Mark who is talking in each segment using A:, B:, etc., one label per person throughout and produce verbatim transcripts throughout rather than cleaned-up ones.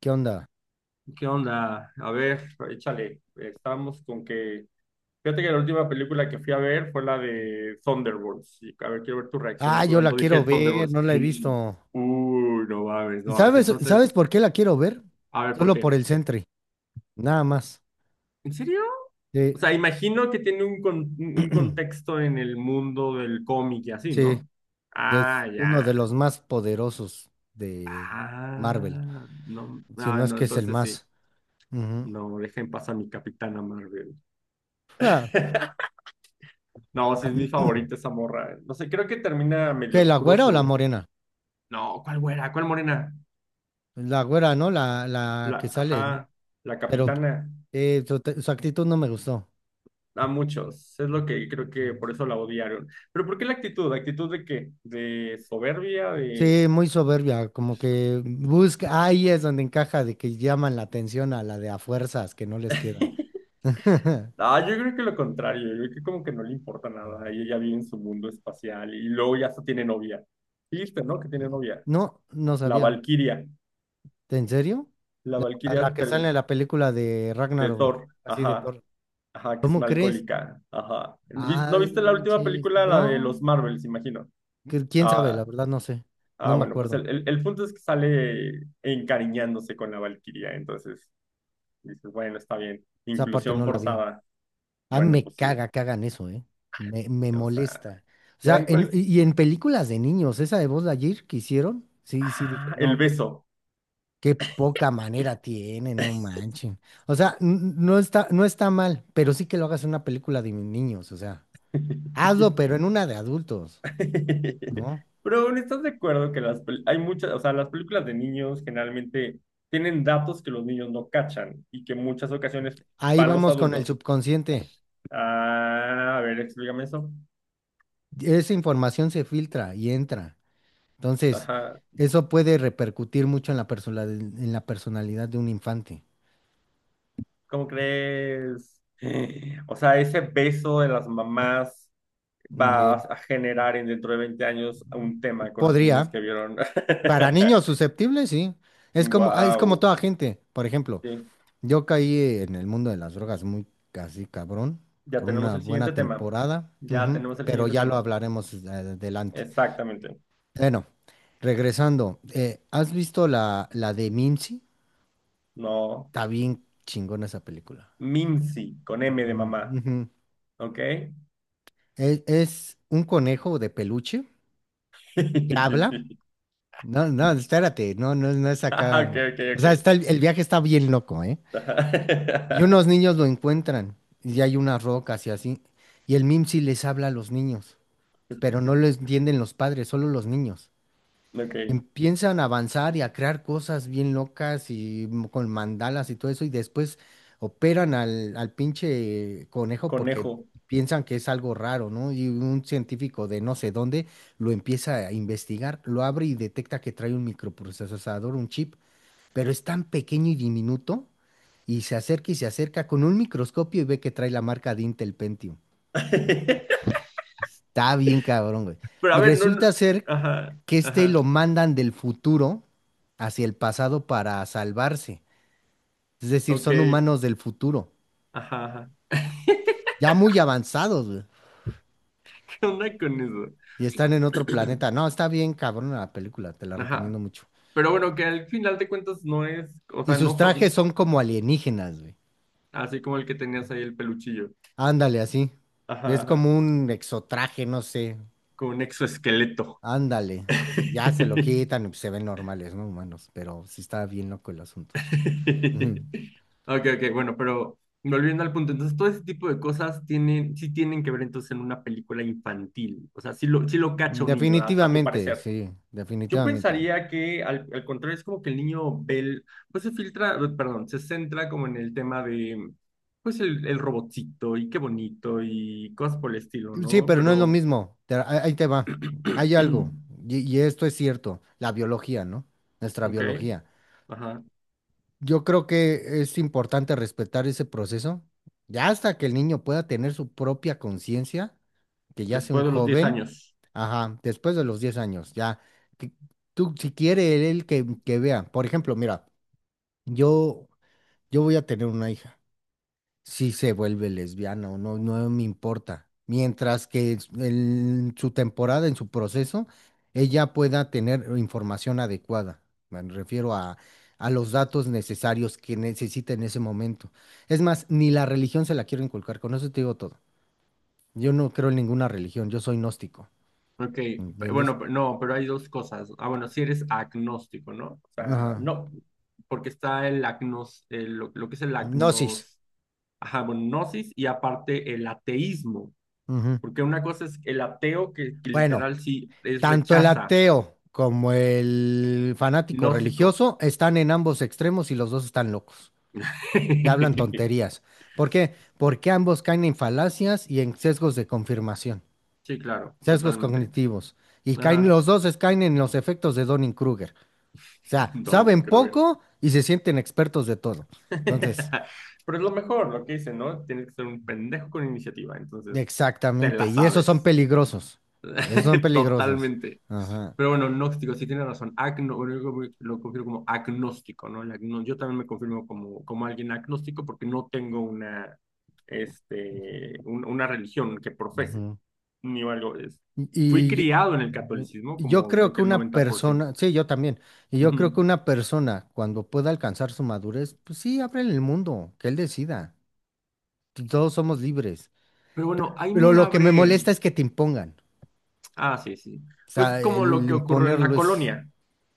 A: ¿Qué onda?
B: ¿Qué onda? A ver, échale. Estamos con que. Fíjate que la última película que fui a ver fue la de Thunderbolts. Y, a ver, quiero ver tu
A: Ah,
B: reacción
A: yo la
B: cuando dije
A: quiero ver,
B: Thunderbolts.
A: no la he visto.
B: Uy, no mames, no mames.
A: ¿Sabes, sabes
B: Entonces,
A: por qué la quiero ver?
B: a ver, ¿por
A: Solo
B: qué?
A: por el Sentry, nada más.
B: ¿En serio? O
A: Sí,
B: sea, imagino que tiene un, con- un contexto en el mundo del cómic y así,
A: sí,
B: ¿no?
A: es
B: Ah,
A: uno de
B: ya.
A: los más poderosos de Marvel,
B: Ah, no,
A: si
B: ah,
A: no es
B: no,
A: que es el
B: entonces sí.
A: más. Ujú.
B: No, dejen pasar a mi Capitana Marvel.
A: Ah,
B: No, sí es mi favorita esa morra. eh. No sé, creo que termina medio
A: ¿qué, la
B: oscuro
A: güera o la
B: su.
A: morena?
B: No, ¿cuál güera? ¿Cuál morena?
A: La güera, ¿no? La, la que
B: La,
A: sale, ¿no?
B: ajá, la
A: Pero
B: capitana.
A: eh, su, su actitud no me gustó.
B: A muchos. Es lo que creo que por eso la odiaron. Pero ¿por qué la actitud? ¿La actitud de qué? ¿De soberbia? ¿De?
A: Sí, muy soberbia, como que busca, ahí es donde encaja de que llaman la atención a la de a fuerzas que no les queda.
B: Ah, yo creo que lo contrario. Yo creo que como que no le importa nada. Y ella vive en su mundo espacial. Y luego ya hasta tiene novia. Listo, ¿no? Que tiene novia.
A: No, no
B: La
A: sabía.
B: Valquiria.
A: ¿En serio?
B: La
A: A
B: Valquiria
A: la que sale
B: ter-
A: en la película de
B: de
A: Ragnarok, ¿no?
B: Thor.
A: Así de
B: Ajá.
A: Thor.
B: Ajá, que es
A: ¿Cómo
B: una
A: crees?
B: alcohólica. Ajá. ¿Vis- ¿No
A: Ah,
B: viste
A: no,
B: la última
A: manches,
B: película, la de
A: no.
B: los Marvels, imagino?
A: Que- ¿Quién sabe? La
B: Ah,
A: verdad no sé. No
B: ah
A: me
B: bueno, pues
A: acuerdo.
B: el, el, el punto es que sale encariñándose con la Valquiria, entonces dices, bueno, está bien.
A: Esa parte
B: Inclusión
A: no la vi.
B: forzada.
A: Ah,
B: Bueno,
A: me
B: pues sí.
A: caga que hagan eso, ¿eh? Me, me
B: O sea,
A: molesta. O
B: ya
A: sea,
B: en
A: en-
B: cual...
A: y y en películas de niños, esa de Buzz Lightyear que hicieron, sí, sí, dije,
B: Ah, el
A: no, qué
B: beso.
A: qué poca manera tiene, no manchen. O sea, n- no está, no está mal, pero sí que lo hagas en una película de niños, o sea, hazlo, pero en una de adultos, ¿no?
B: Pero bueno, ¿estás de acuerdo que las pel- hay muchas, o sea, las películas de niños generalmente tienen datos que los niños no cachan y que en muchas ocasiones
A: Ahí
B: para los
A: vamos con el
B: adultos.
A: subconsciente.
B: Ah, a ver, explícame eso.
A: Esa información se filtra y entra. Entonces,
B: Ajá.
A: eso puede repercutir mucho en la persona- en la personalidad de un infante.
B: ¿Cómo crees? O sea, ese beso de las mamás
A: Mm,
B: va
A: Eh,
B: a generar en dentro de veinte años un tema con los niños
A: podría.
B: que vieron.
A: Para niños susceptibles, sí. Es como, ah, es como
B: Wow.
A: toda gente, por ejemplo.
B: Sí,
A: Yo caí en el mundo de las drogas muy casi cabrón
B: ya
A: por
B: tenemos
A: una
B: el siguiente
A: buena
B: tema.
A: temporada,
B: Ya
A: ujú,
B: tenemos el
A: pero
B: siguiente
A: ya lo
B: tema.
A: hablaremos eh, adelante.
B: Exactamente.
A: Bueno, regresando, eh, ¿has visto la, la de Mimsy?
B: No.
A: Está bien chingona esa película.
B: Mimsy, con M de
A: Mm,
B: mamá.
A: ujú.
B: ¿Ok?
A: Es, es un conejo de peluche que habla. No, no, espérate, no, no, no es
B: Ah,
A: acá.
B: Ok, ok,
A: O
B: ok.
A: sea, está el, el viaje está bien loco, ¿eh? Y unos niños lo encuentran y hay unas rocas y así. Y el Mimsy les habla a los niños, pero no lo entienden los padres, solo los niños.
B: Ok.
A: Empiezan a avanzar y a crear cosas bien locas y m- con mandalas y todo eso, y después operan al, al pinche conejo porque
B: Conejo.
A: piensan que es algo raro, ¿no? Y un científico de no sé dónde lo empieza a investigar, lo abre y detecta que trae un microprocesador, un chip, pero es tan pequeño y diminuto, y se acerca y se acerca con un microscopio y ve que trae la marca de Intel Pentium. Está bien cabrón, güey.
B: Pero a
A: Y
B: ver, no,
A: resulta
B: no-
A: ser
B: Ajá,
A: que este
B: ajá,
A: lo mandan del futuro hacia el pasado para salvarse. Es decir,
B: ok,
A: son humanos del futuro,
B: ajá, ajá.
A: ya muy avanzados, güey,
B: ¿Qué onda con eso?
A: y están en otro planeta. No, está bien cabrón la película, te la
B: Ajá.
A: recomiendo mucho.
B: Pero bueno, que al final de cuentas no es, o
A: Y
B: sea,
A: sus
B: no
A: trajes
B: son
A: son como alienígenas, güey.
B: así como el que tenías ahí el peluchillo.
A: Ándale, así.
B: Ajá,
A: Es
B: ajá,
A: como un exotraje, no sé.
B: con un exoesqueleto.
A: Ándale. Ya se lo quitan y pues se ven normales, ¿no? Humanos, pero sí está bien loco el asunto.
B: Ok, ok, bueno, pero volviendo al punto, entonces todo ese tipo de cosas tienen, sí tienen que ver entonces en una película infantil. O sea, sí lo, sí lo cacha un niño, a a tu
A: Definitivamente,
B: parecer.
A: sí,
B: Yo
A: definitivamente.
B: pensaría que al, al contrario es como que el niño ve, el- pues se filtra, eh, perdón, se centra como en el tema de, pues el, el robotcito y qué bonito y cosas por el estilo,
A: Sí,
B: ¿no?
A: pero no es lo
B: Pero,
A: mismo. Te- ahí ahí te va. Hay algo, y, y esto es cierto, la biología, ¿no? Nuestra
B: ok,
A: biología.
B: ajá,
A: Yo creo que es importante respetar ese proceso, ya hasta que el niño pueda tener su propia conciencia, que ya sea un
B: después de los diez
A: joven,
B: años,
A: ajá, después de los diez años, ya. Que tú, si quiere él que, que vea, por ejemplo, mira, yo, yo voy a tener una hija. Si se vuelve lesbiana o no, no me importa. Mientras que s- en su temporada, en su proceso, ella pueda tener información adecuada. Me refiero a, a los datos necesarios que necesita en ese momento. Es más, ni la religión se la quiero inculcar, con eso te digo todo. Yo no creo en ninguna religión, yo soy gnóstico,
B: ok, pe-
A: ¿entiendes?
B: bueno, pe- no, pero hay dos cosas. Ah, bueno, si eres agnóstico, ¿no? O sea,
A: Ajá.
B: no, porque está el agnos, el- lo, lo que es el
A: Gnosis.
B: agnos, ajá, bueno, gnosis y aparte el ateísmo.
A: Ujú.
B: Porque una cosa es el ateo que, que
A: Bueno.
B: literal sí es
A: Tanto el
B: rechaza,
A: ateo como el fanático
B: gnóstico.
A: religioso están en ambos extremos y los dos están locos. Ya hablan tonterías. ¿Por qué? Porque ambos caen en falacias y en sesgos de confirmación,
B: Sí, claro,
A: sesgos
B: totalmente.
A: cognitivos. Y caen,
B: Ajá.
A: los dos es- caen en los efectos de Dunning-Kruger. O sea,
B: Donning
A: saben
B: Kruger.
A: poco y se sienten expertos de todo. Entonces,
B: Pero es lo mejor, lo que dice, ¿no? Tienes que ser un pendejo con iniciativa, entonces te
A: exactamente.
B: la
A: Y esos son
B: sabes.
A: peligrosos. Esos son peligrosos.
B: Totalmente.
A: Ajá.
B: Pero bueno, gnóstico, sí tiene razón. Agno, bueno, yo lo confirmo como agnóstico, ¿no? El agno- yo también me confirmo como, como alguien agnóstico porque no tengo una, este, un- una religión que profese. Ni algo es. Fui
A: Y
B: criado en el catolicismo,
A: y yo
B: como
A: creo
B: creo
A: que
B: que el
A: una
B: noventa por ciento.
A: persona, sí, yo también, y yo creo
B: Ujú.
A: que una persona cuando pueda alcanzar su madurez, pues sí, ábrele el mundo, que él decida. Todos somos libres.
B: Pero bueno, ahí
A: Pero
B: me
A: lo que me
B: abre.
A: molesta es que te impongan.
B: Ah, sí, sí.
A: O
B: Pues
A: sea,
B: como
A: el,
B: lo
A: el
B: que ocurrió en la
A: imponerlo es
B: colonia.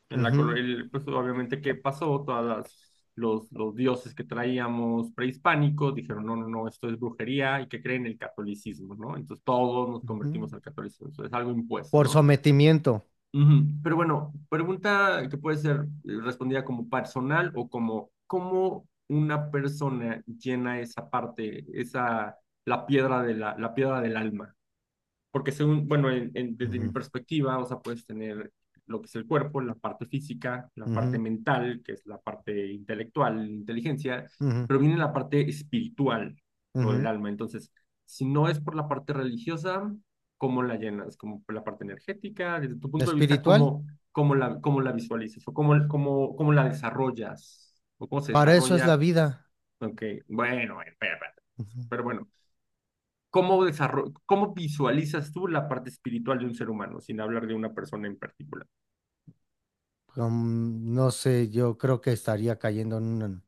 B: En la
A: ujú,
B: colonia, pues obviamente, ¿qué pasó? Todas las- Los, los dioses que traíamos prehispánicos dijeron, no, no, no, esto es brujería y que creen el catolicismo, ¿no? Entonces todos nos
A: ujú,
B: convertimos al catolicismo, eso es algo impuesto,
A: por
B: ¿no?
A: sometimiento.
B: Ujú. Pero bueno, pregunta que puede ser eh, respondida como personal o como cómo una persona llena esa parte, esa la piedra de la, la piedra del alma. Porque según, bueno, en- en- desde mi
A: Ujú,
B: perspectiva, o sea, puedes tener lo que es el cuerpo, la parte física, la parte
A: ujú,
B: mental, que es la parte intelectual, inteligencia,
A: ujú,
B: pero viene la parte espiritual o del
A: ujú.
B: alma. Entonces, si no es por la parte religiosa, ¿cómo la llenas? Como por la parte energética, desde tu punto de vista,
A: Espiritual,
B: ¿cómo, cómo la, cómo la visualizas o cómo, cómo, cómo la desarrollas o cómo se
A: para eso es la
B: desarrolla?
A: vida.
B: Aunque, bueno, bueno, espera, espera.
A: Ujú.
B: Pero bueno. ¿Cómo, desarro- cómo visualizas tú la parte espiritual de un ser humano, sin hablar de una persona en particular?
A: Com- no sé, yo creo que estaría cayendo en una,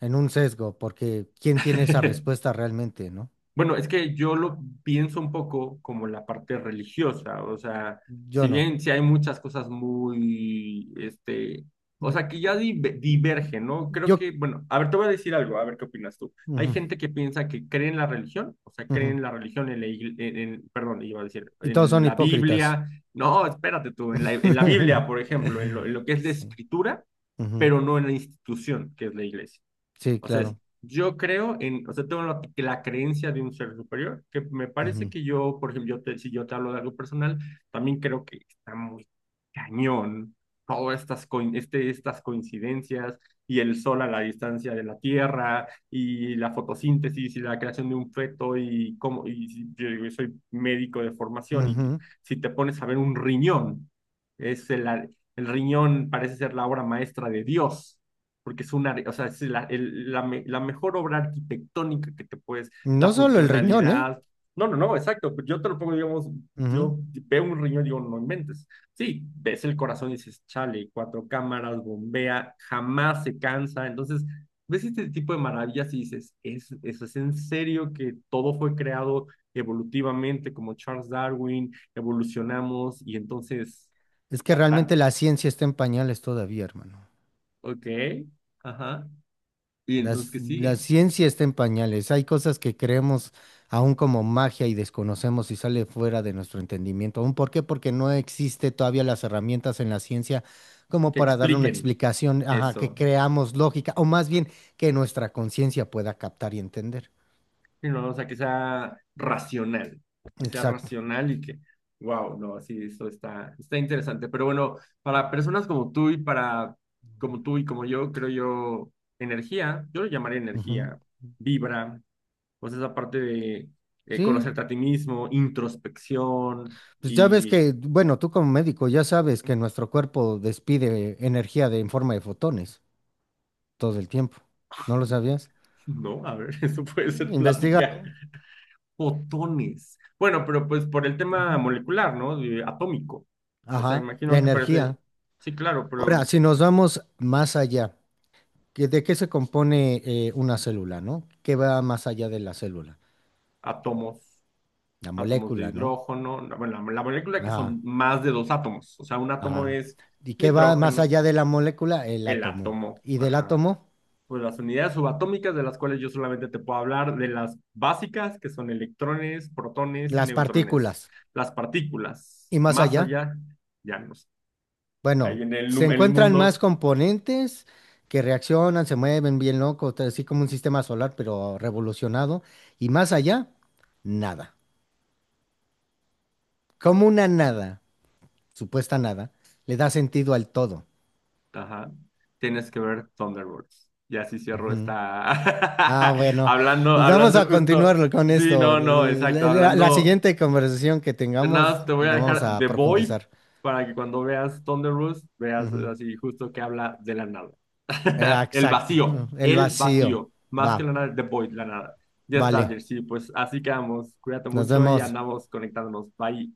A: en un sesgo, porque ¿quién tiene esa respuesta realmente, no?
B: Bueno, es que yo lo pienso un poco como la parte religiosa, o sea,
A: Yo
B: si
A: no.
B: bien si hay muchas cosas muy, este, o sea, que ya div- divergen, ¿no? Creo
A: Yo.
B: que, bueno, a ver, te voy a decir algo, a ver qué opinas tú. Hay
A: Ujú,
B: gente que piensa que cree en la religión, o sea, cree
A: ujú.
B: en la religión, en la, igle- en, en- perdón, iba a decir,
A: Y todos
B: en
A: son
B: la
A: hipócritas.
B: Biblia, no, espérate tú, en la, en la Biblia, por ejemplo, en lo, en lo que es la
A: Sí.
B: escritura,
A: Ujú.
B: pero no en la institución que es la iglesia.
A: Sí,
B: O sea, es,
A: claro.
B: yo creo en, o sea, tengo la, la creencia de un ser superior, que me parece
A: Ujú,
B: que yo, por ejemplo, yo te, si yo te hablo de algo personal, también creo que está muy cañón todas estas, co, este, estas coincidencias y el sol a la distancia de la Tierra y la fotosíntesis y la creación de un feto y cómo, y si- yo digo, yo soy médico de formación y que-
A: ujú.
B: si te pones a ver un riñón, es el, el riñón parece ser la obra maestra de Dios porque es una, o sea, es la, el- la, me- la mejor obra arquitectónica que te puedes, la
A: No solo el riñón, ¿eh?
B: funcionalidad. No, no, no, exacto. Pues yo te lo pongo, digamos,
A: Ujú.
B: yo veo un riñón y digo, no inventes. Sí, ves el corazón y dices, chale, cuatro cámaras, bombea, jamás se cansa. Entonces, ves este tipo de maravillas y dices, ¿es, eso es en serio que todo fue creado evolutivamente como Charles Darwin, evolucionamos y entonces,
A: Es que
B: tan,
A: realmente
B: tan,
A: la ciencia está en pañales todavía, hermano.
B: ok, ajá. Y
A: La,
B: entonces, ¿qué
A: ci- la
B: sigue?
A: ciencia está en pañales. Hay cosas que creemos aún como magia y desconocemos y sale fuera de nuestro entendimiento. ¿Aún por qué? Porque no existe todavía las herramientas en la ciencia como
B: Que
A: para darle una
B: expliquen
A: explicación, ajá, que
B: eso,
A: creamos lógica o más bien que nuestra conciencia pueda captar y entender.
B: y ¿no? O sea, que sea racional, que sea
A: Exacto.
B: racional y que, wow, no, sí, eso está, está interesante. Pero bueno, para personas como tú y para, como tú y como yo, creo yo, energía, yo lo llamaría
A: Ujú.
B: energía, vibra, pues esa parte de eh,
A: Sí,
B: conocerte a ti mismo, introspección
A: pues ya ves
B: y...
A: que, bueno, tú como médico ya sabes que nuestro cuerpo despide energía de, en forma de fotones todo el tiempo. ¿No lo sabías?
B: No, a ver, eso puede ser
A: Investígalo.
B: plática. Fotones. Bueno, pero pues por el tema molecular, ¿no? De atómico. O sea,
A: Ajá, la
B: imagino que
A: energía.
B: parece, sí, claro,
A: Ahora,
B: pero
A: si nos vamos más allá, ¿que- ¿de qué se compone eh, una célula, no? ¿Qué va más allá de la célula?
B: átomos,
A: La
B: átomos de
A: molécula, ¿no?
B: hidrógeno, la- bueno, la, la molécula que
A: Ajá,
B: son más de dos átomos. O sea, un átomo
A: ajá.
B: es
A: ¿Y qué va más
B: nitrógeno,
A: allá de la molécula? El
B: el
A: átomo.
B: átomo,
A: ¿Y del
B: ajá.
A: átomo?
B: Pues las unidades subatómicas de las cuales yo solamente te puedo hablar de las básicas, que son electrones, protones y
A: Las
B: neutrones.
A: partículas.
B: Las partículas,
A: ¿Y más
B: más
A: allá?
B: allá, ya no sé. Ahí
A: Bueno,
B: en el,
A: se
B: el
A: encuentran más
B: mundo.
A: componentes que reaccionan, se mueven bien loco, así como un sistema solar, pero revolucionado. ¿Y más allá? Nada. Como una nada. Supuesta nada le da sentido al todo.
B: Ajá. Tienes que ver Thunderbolts. Y así cierro
A: Ujú.
B: esta.
A: Ah, bueno,
B: Hablando,
A: pues vamos
B: hablando
A: a
B: justo.
A: continuar con
B: Sí,
A: esto.
B: no, no,
A: Eh,
B: exacto.
A: La, la- la
B: Hablando
A: siguiente conversación que
B: de
A: tengamos
B: nada, te voy a
A: la vamos
B: dejar
A: a
B: The Boy
A: profundizar.
B: para que cuando veas Thunderbolts veas
A: Ujú.
B: así justo que habla de la nada.
A: Eh,
B: El
A: Exacto,
B: vacío,
A: el
B: el
A: vacío.
B: vacío. Más que
A: Va,
B: la nada, The Boy, la nada. Ya está,
A: vale,
B: Jersey. Pues así quedamos. Cuídate
A: nos
B: mucho y
A: vemos.
B: andamos conectándonos. Bye.